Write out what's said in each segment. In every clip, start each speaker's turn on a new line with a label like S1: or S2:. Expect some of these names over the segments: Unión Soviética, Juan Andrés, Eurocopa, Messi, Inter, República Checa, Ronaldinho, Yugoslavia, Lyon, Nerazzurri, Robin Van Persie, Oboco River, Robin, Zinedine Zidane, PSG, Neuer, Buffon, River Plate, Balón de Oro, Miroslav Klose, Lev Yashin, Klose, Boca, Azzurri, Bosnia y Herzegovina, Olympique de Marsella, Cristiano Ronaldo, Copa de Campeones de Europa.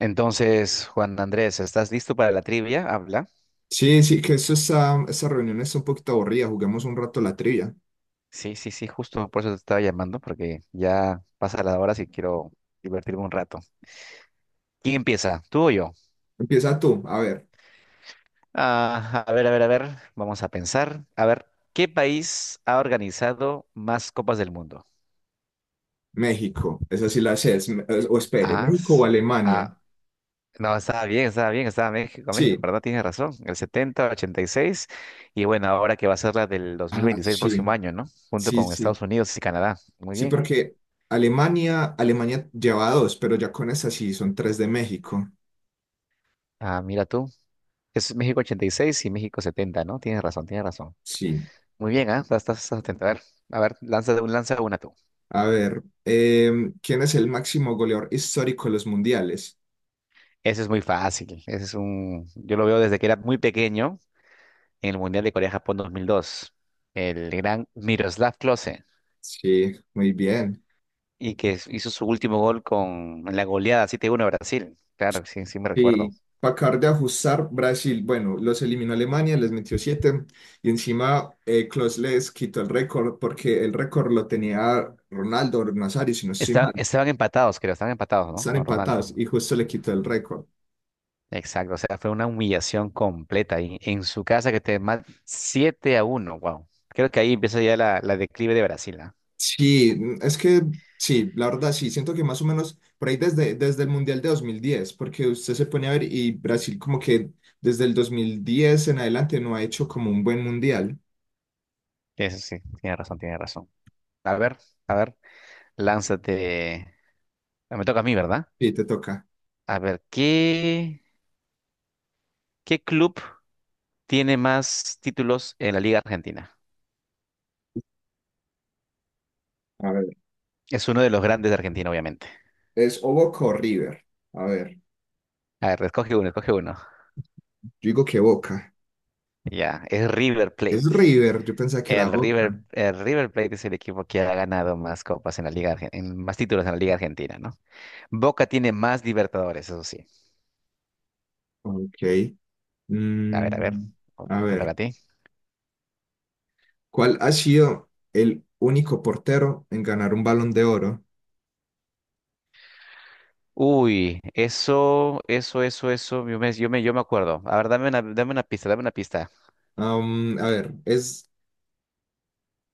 S1: Entonces, Juan Andrés, ¿estás listo para la trivia? Habla.
S2: Esa reunión está un poquito aburrida. Juguemos un rato la trivia.
S1: Sí, sí, sí, justo por eso te estaba llamando, porque ya pasa la hora si quiero divertirme un rato. ¿Quién empieza? ¿Tú o yo?
S2: Empieza tú. A ver,
S1: Ah, a ver, a ver, a ver, vamos a pensar. A ver, ¿qué país ha organizado más copas del mundo?
S2: México. Esa sí la sé. O espere,
S1: Ah,
S2: ¿México o Alemania?
S1: ah, no, estaba bien, México,
S2: Sí.
S1: ¿verdad? Tienes razón, el 70, 86 y bueno, ahora que va a ser la del dos mil
S2: Ah,
S1: veintiséis,
S2: sí.
S1: próximo año, ¿no? Junto
S2: Sí,
S1: con
S2: sí.
S1: Estados Unidos y Canadá. Muy
S2: Sí,
S1: bien, ¿ah?
S2: porque Alemania lleva dos, pero ya con esa sí son tres de México.
S1: Ah, mira tú. Es México 86 y México 70, ¿no? Tienes razón, tienes razón.
S2: Sí.
S1: Muy bien, ¿ah? Estás atento. A ver, lanza una tú.
S2: A ver, ¿quién es el máximo goleador histórico de los mundiales?
S1: Ese es muy fácil. Yo lo veo desde que era muy pequeño en el Mundial de Corea-Japón 2002. El gran Miroslav Klose.
S2: Sí, muy bien.
S1: Y que hizo su último gol con la goleada 7-1 a Brasil. Claro, sí, sí me recuerdo.
S2: Sí, para acabar de ajustar, Brasil, bueno, los eliminó Alemania, les metió siete y encima Klose les quitó el récord porque el récord lo tenía Ronaldo o Nazario, si no estoy mal,
S1: Estaban empatados, creo. Estaban empatados, ¿no?
S2: están
S1: Con
S2: empatados
S1: Ronaldo.
S2: y justo le quitó el récord.
S1: Exacto, o sea, fue una humillación completa y en su casa que te más 7-1, wow. Creo que ahí empieza ya la declive de Brasil, ¿ah?
S2: Sí, es que sí, la verdad sí, siento que más o menos por ahí desde el Mundial de 2010, porque usted se pone a ver y Brasil como que desde el 2010 en adelante no ha hecho como un buen Mundial.
S1: Eso sí, tiene razón, tiene razón. A ver, a ver, lánzate. Ah, me toca a mí, ¿verdad?
S2: Sí, te toca.
S1: A ver, ¿qué club tiene más títulos en la Liga Argentina?
S2: A ver,
S1: Es uno de los grandes de Argentina, obviamente.
S2: es Oboco River. A ver.
S1: A ver, escoge uno, escoge uno.
S2: Yo digo que Boca.
S1: Ya, es River
S2: Es
S1: Plate.
S2: River, yo pensaba que era
S1: El
S2: Boca.
S1: River, el River Plate es el equipo que ha ganado más copas en la Liga, en más títulos en la Liga Argentina, ¿no? Boca tiene más Libertadores, eso sí.
S2: Ok.
S1: A ver, a ver.
S2: Mm, a
S1: Te toca a
S2: ver,
S1: ti.
S2: ¿cuál ha sido el único portero en ganar un Balón de Oro?
S1: Uy, eso, eso, eso, eso. Yo me acuerdo. A ver, dame una pista, dame una pista.
S2: A ver, es,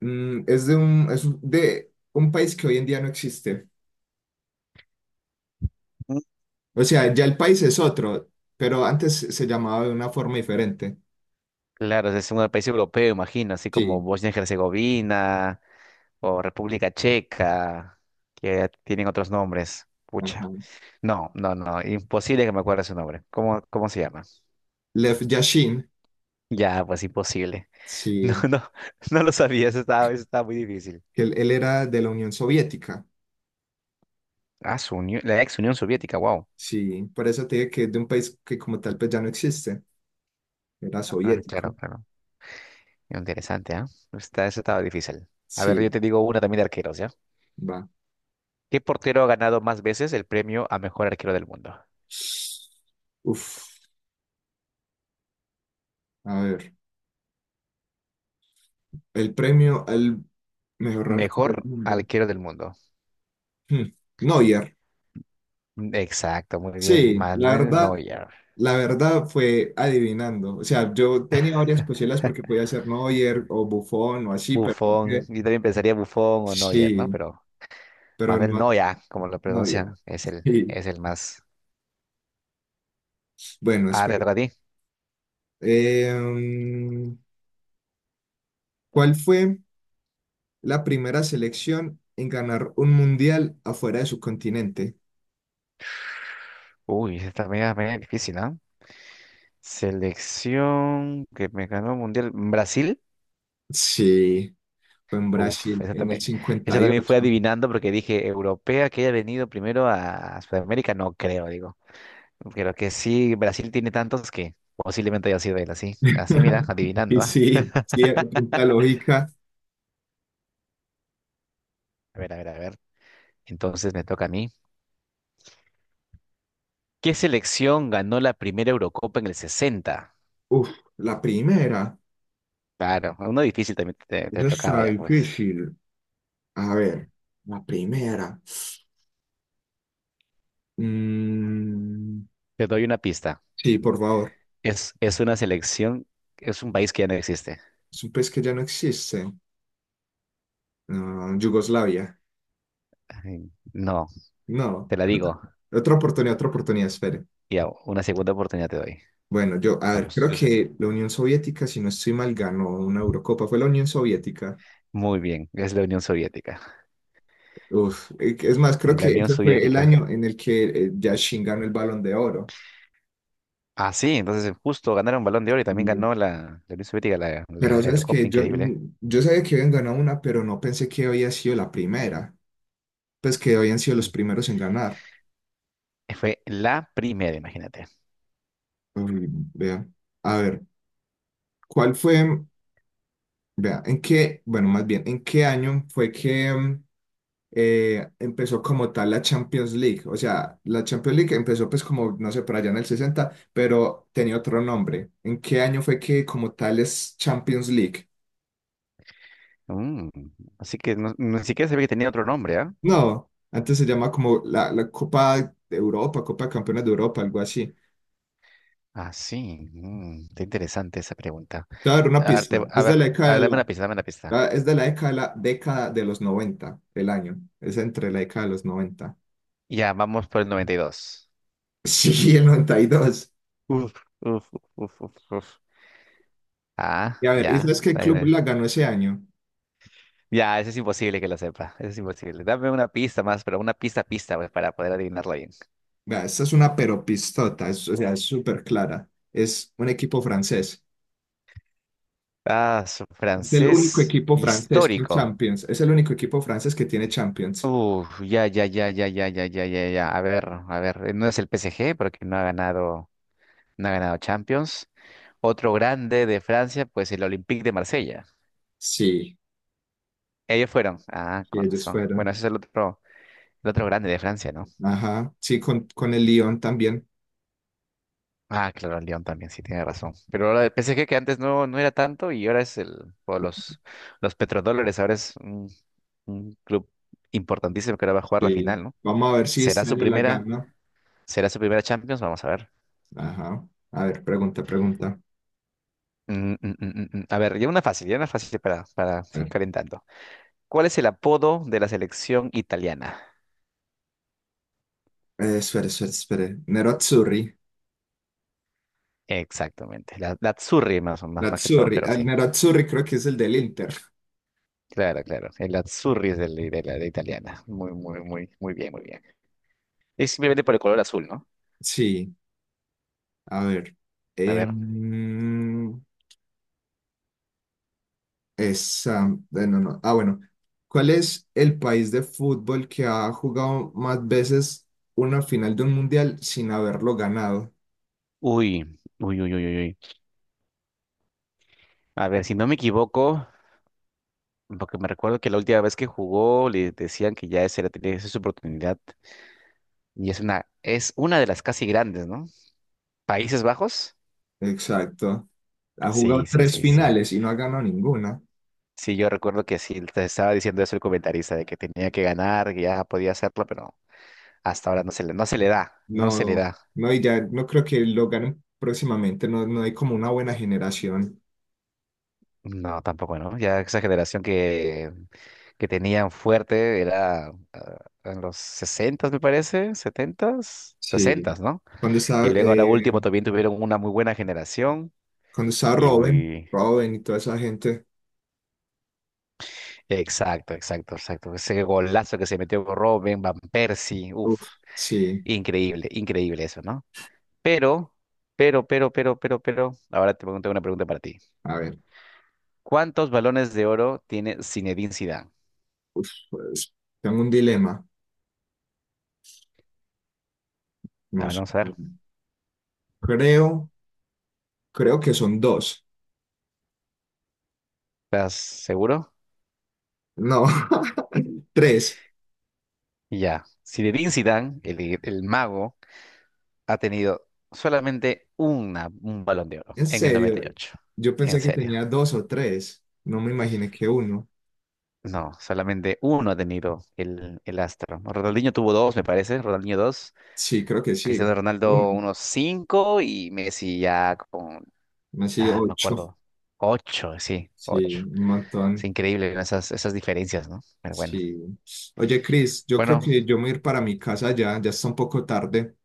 S2: mm, es de un, es un- de un país que hoy en día no existe.
S1: Mm.
S2: O sea, ya el país es otro, pero antes se llamaba de una forma diferente.
S1: Claro, es un país europeo, imagino, así como
S2: Sí,
S1: Bosnia y Herzegovina o República Checa, que tienen otros nombres.
S2: ajá.
S1: Pucha. No, no, no, imposible que me acuerde su nombre. ¿Cómo se llama?
S2: Lev Yashin,
S1: Ya, pues imposible. No,
S2: sí,
S1: no, no lo sabía, eso estaba muy difícil.
S2: que él era de la Unión Soviética.
S1: Ah, la ex Unión Soviética, wow.
S2: Sí, por eso te digo que es de un país que como tal pues ya no existe. Era
S1: Ah, claro,
S2: soviético.
S1: claro. Interesante, ¿ah? Eso estaba difícil. A ver, yo
S2: Sí,
S1: te digo una también de arqueros, ¿ya?
S2: va.
S1: ¿Qué portero ha ganado más veces el premio a mejor arquero del mundo?
S2: Uf, a ver. El premio al mejor arco del
S1: Mejor
S2: mundo.
S1: arquero del mundo.
S2: Hmm, Neuer.
S1: Mm. Exacto, muy bien.
S2: Sí,
S1: Manuel Neuer.
S2: la verdad fue adivinando. O sea, yo tenía varias posibilidades porque podía ser Neuer o Buffon o así, pero
S1: Buffon.
S2: dije,
S1: Yo también pensaría Buffon o Neuer,
S2: sí,
S1: ¿no? Pero
S2: pero
S1: Manuel
S2: no,
S1: Neuer, como lo
S2: no había.
S1: pronuncian, es el,
S2: Sí.
S1: es el más.
S2: Bueno,
S1: Ah,
S2: espera.
S1: detrás de ti.
S2: Em, ¿Cuál fue la primera selección en ganar un mundial afuera de su continente?
S1: Uy, esta media, media difícil, ¿no? Selección que me ganó el mundial. ¿Brasil?
S2: Sí, fue en
S1: Uf,
S2: Brasil, en el
S1: esa
S2: 58.
S1: también fue
S2: Y ocho.
S1: adivinando porque dije, europea que haya venido primero a Sudamérica, no creo, digo. Creo que sí, Brasil tiene tantos que posiblemente haya sido él, así. Así, mira,
S2: Y
S1: adivinando, ¿ah?
S2: sí, sí, a punta de lógica.
S1: A ver, a ver, a ver. Entonces me toca a mí. ¿Qué selección ganó la primera Eurocopa en el sesenta?
S2: Uf, la primera,
S1: Claro, uno difícil también te
S2: esa
S1: tocaba
S2: está
S1: ya, pues.
S2: difícil. A ver, la primera. Mm,
S1: Te doy una pista.
S2: sí, por favor.
S1: Es una selección, es un país que ya no existe.
S2: Es un país que ya no existe. Ah, Yugoslavia.
S1: Ay, no,
S2: No.
S1: te la digo.
S2: Otra oportunidad, espere.
S1: Ya, una segunda oportunidad te doy.
S2: Bueno, yo, a ver,
S1: Vamos,
S2: creo
S1: yo sé.
S2: que la Unión Soviética, si no estoy mal, ganó una Eurocopa. Fue la Unión Soviética.
S1: Muy bien, es la Unión Soviética.
S2: Uf, es más, creo
S1: En la
S2: que
S1: Unión
S2: ese fue el
S1: Soviética.
S2: año en el que Yashin ganó el Balón de Oro.
S1: Ah, sí, entonces justo ganaron Balón de Oro y también
S2: Y-
S1: ganó la Unión Soviética
S2: Pero
S1: la
S2: sabes
S1: Eurocopa,
S2: que yo,
S1: increíble.
S2: mm, yo sabía que habían ganado una, pero no pensé que había sido la primera. Pues que habían sido los
S1: ¿Eh?
S2: primeros en ganar.
S1: Y fue la primera, imagínate.
S2: Uy, vea. A ver, ¿cuál fue? Vea, ¿en qué? Bueno, más bien, ¿en qué año fue que empezó como tal la Champions League? O sea, la Champions League empezó pues como, no sé, por allá en el 60 pero tenía otro nombre. ¿En qué año fue que como tal es Champions League?
S1: Mm. Así que ni siquiera sabía que tenía otro nombre, ¿ah?
S2: No, antes se llama como la, la Copa de Europa, Copa de Campeones de Europa, algo así.
S1: Ah, sí, está interesante esa pregunta.
S2: Te voy a dar una
S1: A ver,
S2: pista.
S1: a
S2: Es de
S1: ver,
S2: la
S1: a
S2: década de
S1: ver, dame
S2: la,
S1: una pista, dame una pista.
S2: ah, es de la década de los noventa, el año. Es entre la década de los 90.
S1: Ya, vamos por el 92.
S2: Sí, el 92. Y dos.
S1: Uf, uf, uf, uf, uf. Uf. Ah,
S2: Y a ver, ¿y
S1: ya.
S2: sabes qué
S1: Ahí
S2: club
S1: ve.
S2: la ganó ese año?
S1: Ya, eso es imposible que lo sepa. Eso es imposible. Dame una pista más, pero una pista, pista, pues, para poder adivinarlo bien.
S2: Vea, esta es una peropistota, es- o sea, es súper clara. Es un equipo francés.
S1: Ah, su
S2: Es el único
S1: francés
S2: equipo francés con
S1: histórico.
S2: Champions. Es el único equipo francés que tiene Champions.
S1: Uf, ya, ya, ya, ya, ya, ya, ya, ya, ya. A ver, a ver. No es el PSG porque no ha ganado Champions. Otro grande de Francia, pues el Olympique de Marsella.
S2: Sí,
S1: Ellos fueron. Ah,
S2: sí,
S1: con
S2: ellos
S1: razón. Bueno,
S2: fueron.
S1: ese es el otro grande de Francia, ¿no?
S2: Ajá, sí, con el Lyon también.
S1: Ah, claro, el León también, sí, tiene razón. Pero ahora el PSG que antes no era tanto y ahora es el, o los petrodólares, ahora es un club importantísimo que ahora va a jugar la
S2: Sí.
S1: final, ¿no?
S2: Vamos a ver si
S1: ¿Será
S2: este
S1: su
S2: año la
S1: primera,
S2: gana.
S1: será su primera Champions? Vamos a ver.
S2: Ajá. A ver, pregunta, pregunta.
S1: Mm, mm, mm, mm, mm. A ver, ya una fácil para
S2: A
S1: seguir
S2: ver.
S1: calentando. ¿Cuál es el apodo de la selección italiana?
S2: Espere, espere, espere. Nerazzurri.
S1: Exactamente, la Azzurri más, más que todo,
S2: Nerazzurri.
S1: pero
S2: El
S1: sí,
S2: Nerazzurri creo que es el del Inter.
S1: claro, claro. El Azzurri es de la de italiana. Muy, muy, muy, muy bien, muy bien. Es simplemente por el color azul, ¿no?
S2: Sí, a ver.
S1: A ver.
S2: Em, esa, no, no. Ah, bueno. ¿Cuál es el país de fútbol que ha jugado más veces una final de un mundial sin haberlo ganado?
S1: Uy, uy, uy, uy, uy. Uy. A ver, si no me equivoco, porque me recuerdo que la última vez que jugó le decían que ya esa era, tenía su oportunidad. Y es una de las casi grandes, ¿no? ¿Países Bajos?
S2: Exacto. Ha
S1: Sí,
S2: jugado
S1: sí,
S2: tres
S1: sí, sí.
S2: finales y no ha ganado ninguna.
S1: Sí, yo recuerdo que sí, te estaba diciendo eso el comentarista, de que tenía que ganar, que ya podía hacerlo, pero hasta ahora no se le da, no se le
S2: No,
S1: da.
S2: no, y ya no creo que lo ganen próximamente, no, no hay como una buena generación.
S1: No, tampoco, ¿no? Ya esa generación que tenían fuerte era en los sesentas me parece, setentas
S2: Sí.
S1: sesentas, ¿no?
S2: Cuando
S1: Y
S2: estaba,
S1: luego ahora
S2: eh,
S1: último también tuvieron una muy buena generación.
S2: cuando estaba
S1: Y,
S2: Robin,
S1: y-
S2: Y toda esa gente,
S1: exacto, exacto, exacto. Ese golazo que se metió con Robin, Van Persie,
S2: uf,
S1: uff,
S2: sí,
S1: increíble, increíble eso, ¿no? Pero, pero, ahora te pregunto una pregunta para ti.
S2: a ver,
S1: ¿Cuántos balones de oro tiene Zinedine Zidane?
S2: uf, pues, tengo un dilema,
S1: A
S2: no
S1: ver,
S2: sé.
S1: vamos a ver.
S2: Creo, creo que son dos,
S1: ¿Estás seguro?
S2: no, tres,
S1: Ya, si Zinedine Zidane, el mago, ha tenido solamente un balón de oro
S2: en
S1: en el noventa y
S2: serio,
S1: ocho.
S2: yo
S1: En
S2: pensé que
S1: serio.
S2: tenía dos o tres, no me imaginé que uno,
S1: No, solamente uno ha tenido el astro. Ronaldinho tuvo dos, me parece. Ronaldinho dos.
S2: sí, creo que sí,
S1: Cristiano Ronaldo
S2: uno,
S1: unos cinco y Messi ya con,
S2: así
S1: me
S2: ocho,
S1: acuerdo, ocho, sí,
S2: sí,
S1: ocho.
S2: un
S1: Es
S2: montón.
S1: increíble, ¿no? Esas diferencias, ¿no? Pero bueno.
S2: Sí. Oye, Cris, yo creo
S1: Bueno,
S2: que yo me voy a ir para mi casa ya, ya está un poco tarde.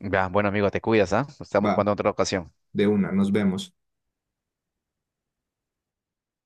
S1: ya, bueno amigo, te cuidas, ¿ah? Estamos
S2: Va,
S1: jugando en otra ocasión.
S2: de una, nos vemos.